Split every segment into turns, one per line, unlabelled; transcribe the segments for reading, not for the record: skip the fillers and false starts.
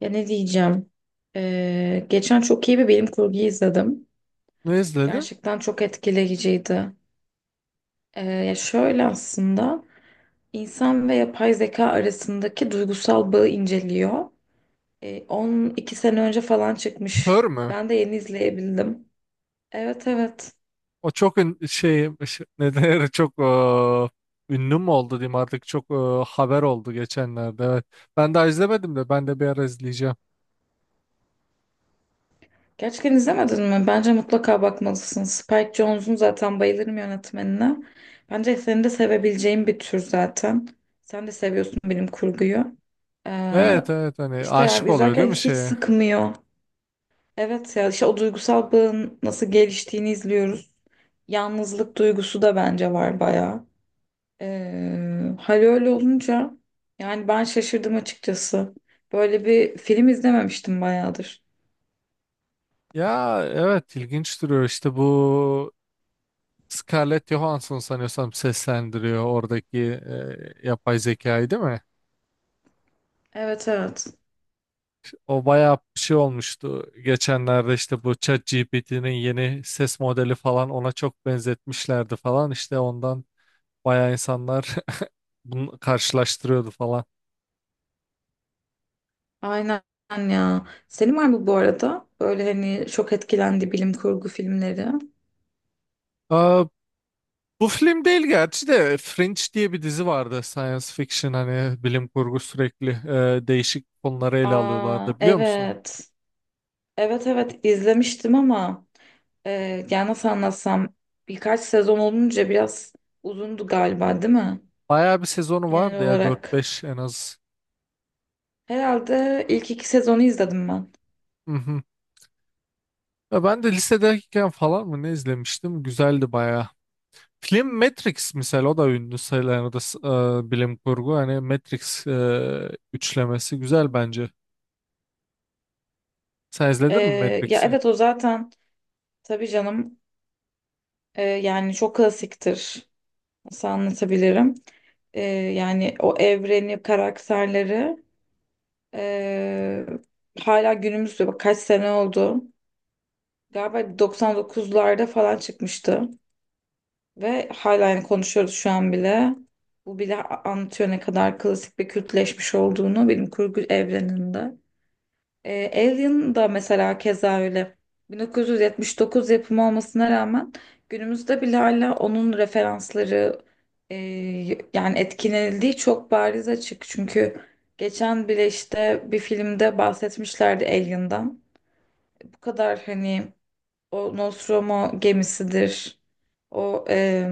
Ya ne diyeceğim? Geçen çok iyi bir bilim kurgu izledim.
Ne izledin?
Gerçekten çok etkileyiciydi. Ya şöyle, aslında insan ve yapay zeka arasındaki duygusal bağı inceliyor. 12 sene önce falan çıkmış.
Her mü?
Ben de yeni izleyebildim. Evet, evet.
O çok ne denir, çok ünlü mü oldu diyeyim artık, çok haber oldu geçenlerde, evet. Ben daha izlemedim de, ben de bir ara izleyeceğim.
Gerçekten izlemedin mi? Bence mutlaka bakmalısın. Spike Jonze'un zaten bayılırım yönetmenine. Bence senin de sevebileceğin bir tür zaten. Sen de seviyorsun bilim kurguyu. Ee,
Evet evet, hani
işte
aşık
yani
oluyor değil
izlerken
mi
hiç
şeye?
sıkmıyor. Evet ya, işte o duygusal bağın nasıl geliştiğini izliyoruz. Yalnızlık duygusu da bence var bayağı. Hal öyle olunca yani ben şaşırdım açıkçası. Böyle bir film izlememiştim bayağıdır.
Ya evet, ilginç duruyor işte. Bu Scarlett Johansson sanıyorsam seslendiriyor oradaki yapay zekayı değil mi?
Evet, evet.
O bayağı bir şey olmuştu. Geçenlerde işte bu ChatGPT'nin yeni ses modeli falan ona çok benzetmişlerdi falan. İşte ondan bayağı insanlar bunu karşılaştırıyordu falan.
Aynen ya. Senin var mı bu arada? Böyle hani çok etkilendi bilim kurgu filmleri.
Aa, bu film değil gerçi de Fringe diye bir dizi vardı. Science fiction, hani bilim kurgu, sürekli değişik konuları ele
Aa,
alıyorlardı, biliyor musun?
evet. Evet, evet, izlemiştim ama e, yani nasıl anlatsam, birkaç sezon olunca biraz uzundu galiba, değil mi?
Bayağı bir sezonu
Genel
vardı ya, dört
olarak.
beş en az.
Herhalde ilk iki sezonu izledim ben.
Hı hı. Ya ben de lisedeyken falan mı ne izlemiştim? Güzeldi bayağı. Film Matrix misal, o da ünlü sayılan, o da bilim kurgu. Hani Matrix üçlemesi güzel bence. Sen
E,
izledin mi
Ya
Matrix'i?
evet, o zaten tabii canım, yani çok klasiktir. Nasıl anlatabilirim? Yani o evreni, karakterleri. Ee, Hala günümüzde, bak kaç sene oldu. Galiba 99'larda falan çıkmıştı. Ve hala yani konuşuyoruz şu an bile. Bu bile anlatıyor ne kadar klasik ve kültleşmiş olduğunu bilim kurgu evreninde. Alien da mesela keza öyle. 1979 yapımı olmasına rağmen günümüzde bile hala onun referansları, e, yani etkilenildiği çok bariz, açık. Çünkü geçen bile işte bir filmde bahsetmişlerdi Alien'dan. Bu kadar hani. O Nostromo gemisidir. O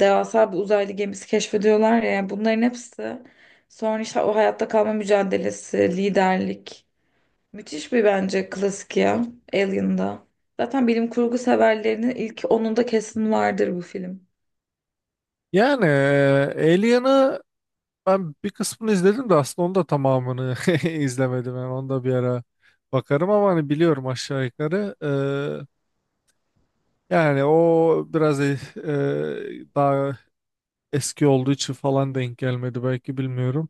devasa bir uzaylı gemisi keşfediyorlar ya, yani bunların hepsi, sonra işte o hayatta kalma mücadelesi, liderlik. Müthiş bir bence klasik ya Alien'da. Zaten bilim kurgu severlerinin ilk onunda kesin vardır bu film.
Yani Alien'ı ben bir kısmını izledim de, aslında onu da tamamını izlemedim. Yani onu da bir ara bakarım ama hani biliyorum aşağı yukarı. Yani o biraz daha eski olduğu için falan denk gelmedi belki, bilmiyorum.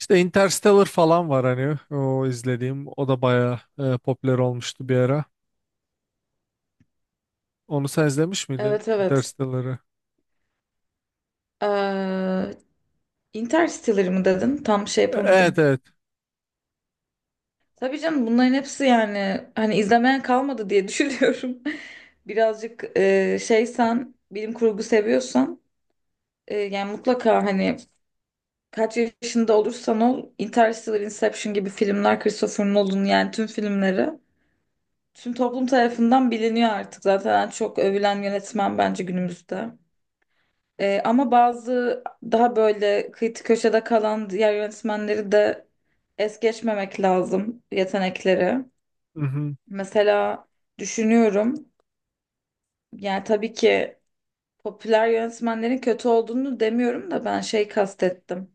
İşte Interstellar falan var, hani o izlediğim, o da bayağı popüler olmuştu bir ara. Onu sen izlemiş miydin,
Evet, evet.
Interstellar'ı?
Ee, Interstellar mı dedin? Tam şey
Evet
yapamadım.
evet.
Tabii canım, bunların hepsi yani hani izlemeyen kalmadı diye düşünüyorum. Birazcık şeysen, bilim kurgu seviyorsan, yani mutlaka hani kaç yaşında olursan ol Interstellar, Inception gibi filmler, Christopher Nolan yani tüm filmleri. Tüm toplum tarafından biliniyor artık, zaten en çok övülen yönetmen bence günümüzde. Ama bazı daha böyle kıyı köşede kalan diğer yönetmenleri de es geçmemek lazım, yetenekleri.
Mhm.
Mesela düşünüyorum, yani tabii ki popüler yönetmenlerin kötü olduğunu demiyorum da, ben şey kastettim.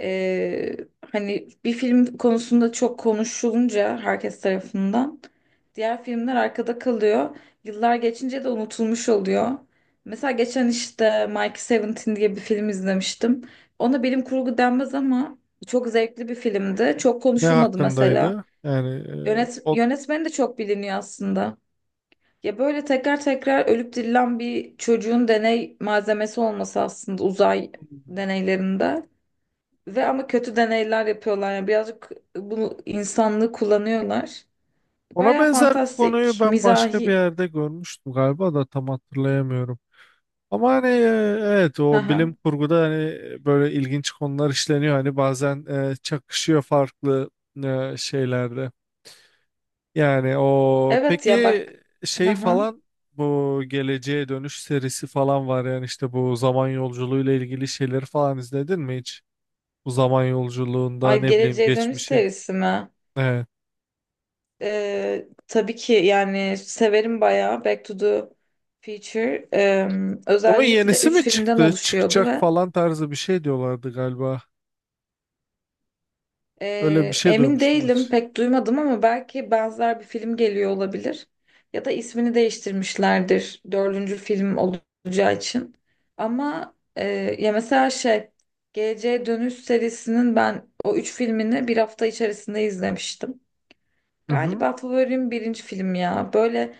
Ee, Hani bir film konusunda çok konuşulunca herkes tarafından, diğer filmler arkada kalıyor. Yıllar geçince de unutulmuş oluyor. Mesela geçen işte Mike Seventeen diye bir film izlemiştim. Ona bilim kurgu denmez ama çok zevkli bir filmdi. Çok
Ne
konuşulmadı mesela.
hakkındaydı? Yani e,
Yönet
o,
yönetmeni de çok biliniyor aslında. Ya böyle tekrar tekrar ölüp dirilen bir çocuğun deney malzemesi olması, aslında uzay deneylerinde. Ve ama kötü deneyler yapıyorlar. Yani birazcık bunu, insanlığı kullanıyorlar.
ona
Baya
benzer bir konuyu
fantastik,
ben başka bir
mizahi.
yerde görmüştüm galiba da tam hatırlayamıyorum. Ama hani, evet, o
Haha.
bilim kurguda hani böyle ilginç konular işleniyor. Hani bazen çakışıyor farklı şeylerde. Yani o
Evet ya,
peki,
bak.
şey
Haha.
falan, bu Geleceğe Dönüş serisi falan var. Yani işte bu zaman yolculuğuyla ilgili şeyleri falan izledin mi hiç? Bu zaman yolculuğunda,
Ay,
ne bileyim,
Geleceğe Dönüş
geçmişi.
serisi mi?
Evet.
Tabii ki, yani severim bayağı Back to the Future.
Onun
Özellikle
yenisi
3
mi
filmden
çıktı?
oluşuyordu
Çıkacak
ve
falan tarzı bir şey diyorlardı galiba. Öyle bir şey
Emin
duymuştum
değilim,
hiç.
pek duymadım ama belki benzer bir film geliyor olabilir. Ya da ismini değiştirmişlerdir dördüncü film olacağı için. Ama ya mesela şey, Geleceğe Dönüş serisinin ben o üç filmini bir hafta içerisinde izlemiştim.
Hı hı.
Galiba favorim birinci film ya. Böyle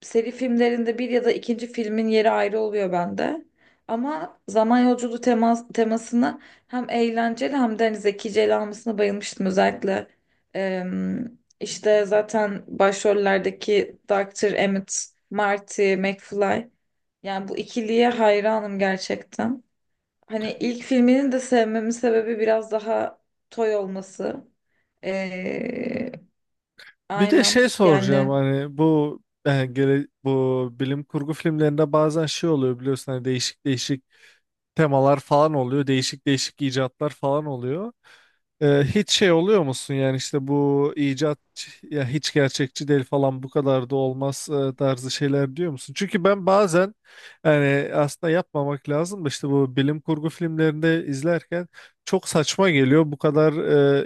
seri filmlerinde bir ya da ikinci filmin yeri ayrı oluyor bende. Ama zaman yolculuğu temasını hem eğlenceli hem de hani zekice ele almasına bayılmıştım. Özellikle işte zaten başrollerdeki doktor Emmett, Marty, McFly. Yani bu ikiliye hayranım gerçekten. Hani ilk filminin de sevmemin sebebi biraz daha toy olması. Ee,
Bir de
aynen
şey soracağım.
yani.
Hani bu bu bilim kurgu filmlerinde bazen şey oluyor biliyorsun, hani değişik değişik temalar falan oluyor. Değişik değişik icatlar falan oluyor. Hiç şey oluyor musun, yani işte bu icat ya hiç gerçekçi değil falan, bu kadar da olmaz tarzı şeyler diyor musun? Çünkü ben bazen, yani aslında yapmamak lazım da, işte bu bilim kurgu filmlerinde izlerken çok saçma geliyor. Bu kadar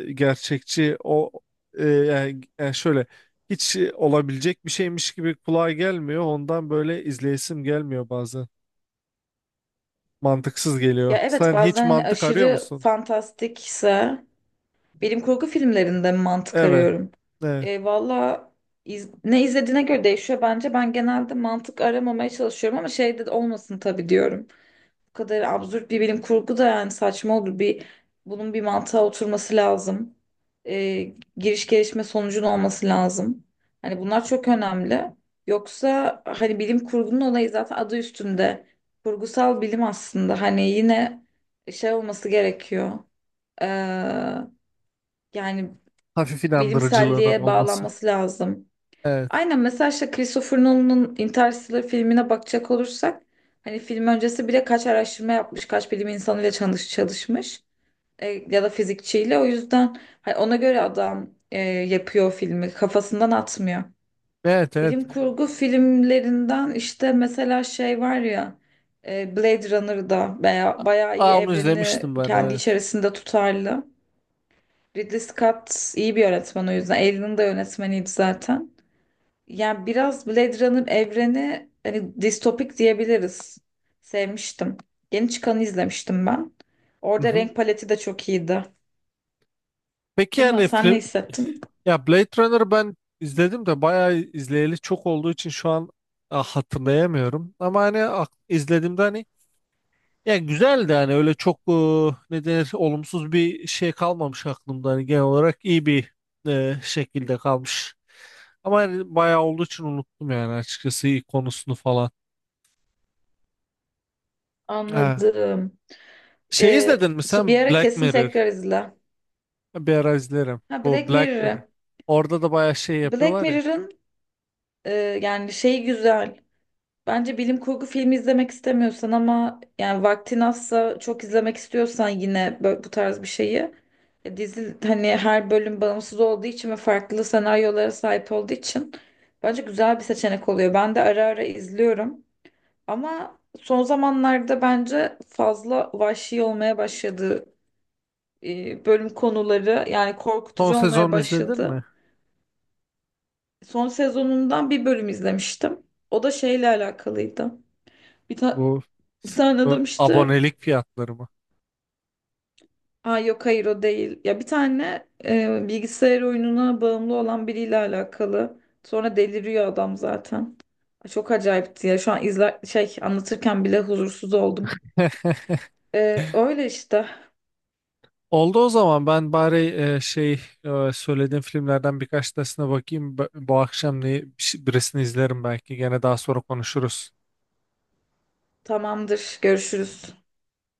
gerçekçi yani şöyle, hiç olabilecek bir şeymiş gibi kulağa gelmiyor. Ondan böyle izleyesim gelmiyor bazen. Mantıksız geliyor.
Ya evet,
Sen hiç
bazen hani
mantık arıyor
aşırı
musun?
fantastikse bilim kurgu filmlerinde mantık
Evet.
arıyorum.
Evet.
Valla ne izlediğine göre değişiyor bence. Ben genelde mantık aramamaya çalışıyorum ama şey de olmasın tabii diyorum. Bu kadar absürt bir bilim kurgu da yani saçma olur. Bunun bir mantığa oturması lazım. Giriş, gelişme, sonucun olması lazım. Hani bunlar çok önemli. Yoksa hani bilim kurgunun olayı zaten adı üstünde. Kurgusal bilim aslında. Hani yine şey olması gerekiyor. Ee, Yani
Hafif inandırıcılığının
bilimselliğe
olması.
bağlanması lazım.
Evet.
Aynen, mesela işte Christopher Nolan'ın Interstellar filmine bakacak olursak, hani film öncesi bile kaç araştırma yapmış, kaç bilim insanıyla çalışmış, ya da fizikçiyle. O yüzden hani ona göre adam yapıyor filmi, kafasından atmıyor.
Evet evet.
Bilim kurgu filmlerinden işte mesela şey var ya, Blade Runner'da bayağı iyi,
Aa, onu
evreni
izlemiştim ben,
kendi
evet.
içerisinde tutarlı. Ridley Scott iyi bir yönetmen o yüzden. Alien'ın da yönetmeniydi zaten. Yani biraz Blade Runner evreni hani distopik diyebiliriz. Sevmiştim. Yeni çıkanı izlemiştim ben.
Hı
Orada
hı.
renk paleti de çok iyiydi.
Peki
Değil
yani
mi? Sen ne hissettin?
ya, Blade Runner ben izledim de bayağı izleyeli çok olduğu için şu an ah, hatırlayamıyorum. Ama hani izlediğimde hani, ya güzel de, hani öyle çok ne denir, olumsuz bir şey kalmamış aklımda. Hani genel olarak iyi bir şekilde kalmış. Ama hani bayağı olduğu için unuttum yani, açıkçası iyi konusunu falan. Ha.
Anladım.
Şey, izledin mi
Bir
sen
ara
Black
kesin
Mirror?
tekrar izle.
Bir ara izlerim.
Ha,
Bu
Black
Black Mirror.
Mirror.
Orada da bayağı şey
Black
yapıyorlar ya.
Mirror'ın e, yani şeyi güzel. Bence bilim kurgu filmi izlemek istemiyorsan ama yani vaktin azsa, çok izlemek istiyorsan yine bu tarz bir şeyi, dizi, hani her bölüm bağımsız olduğu için ve farklı senaryolara sahip olduğu için bence güzel bir seçenek oluyor. Ben de ara ara izliyorum ama son zamanlarda bence fazla vahşi olmaya başladı, bölüm konuları yani
Son
korkutucu olmaya
sezonu izledin
başladı.
mi?
Son sezonundan bir bölüm izlemiştim. O da şeyle alakalıydı. Bir ta-
Bu
Bir tane adam
bu
işte.
abonelik fiyatları mı?
Aa, yok hayır, o değil. Ya bir tane bilgisayar oyununa bağımlı olan biriyle alakalı. Sonra deliriyor adam zaten. Çok acayipti ya. Şu an izler şey anlatırken bile huzursuz oldum. Öyle işte.
Oldu, o zaman ben bari şey, söylediğim filmlerden birkaç tanesine bakayım. Bu akşam birisini izlerim belki. Gene daha sonra konuşuruz.
Tamamdır. Görüşürüz.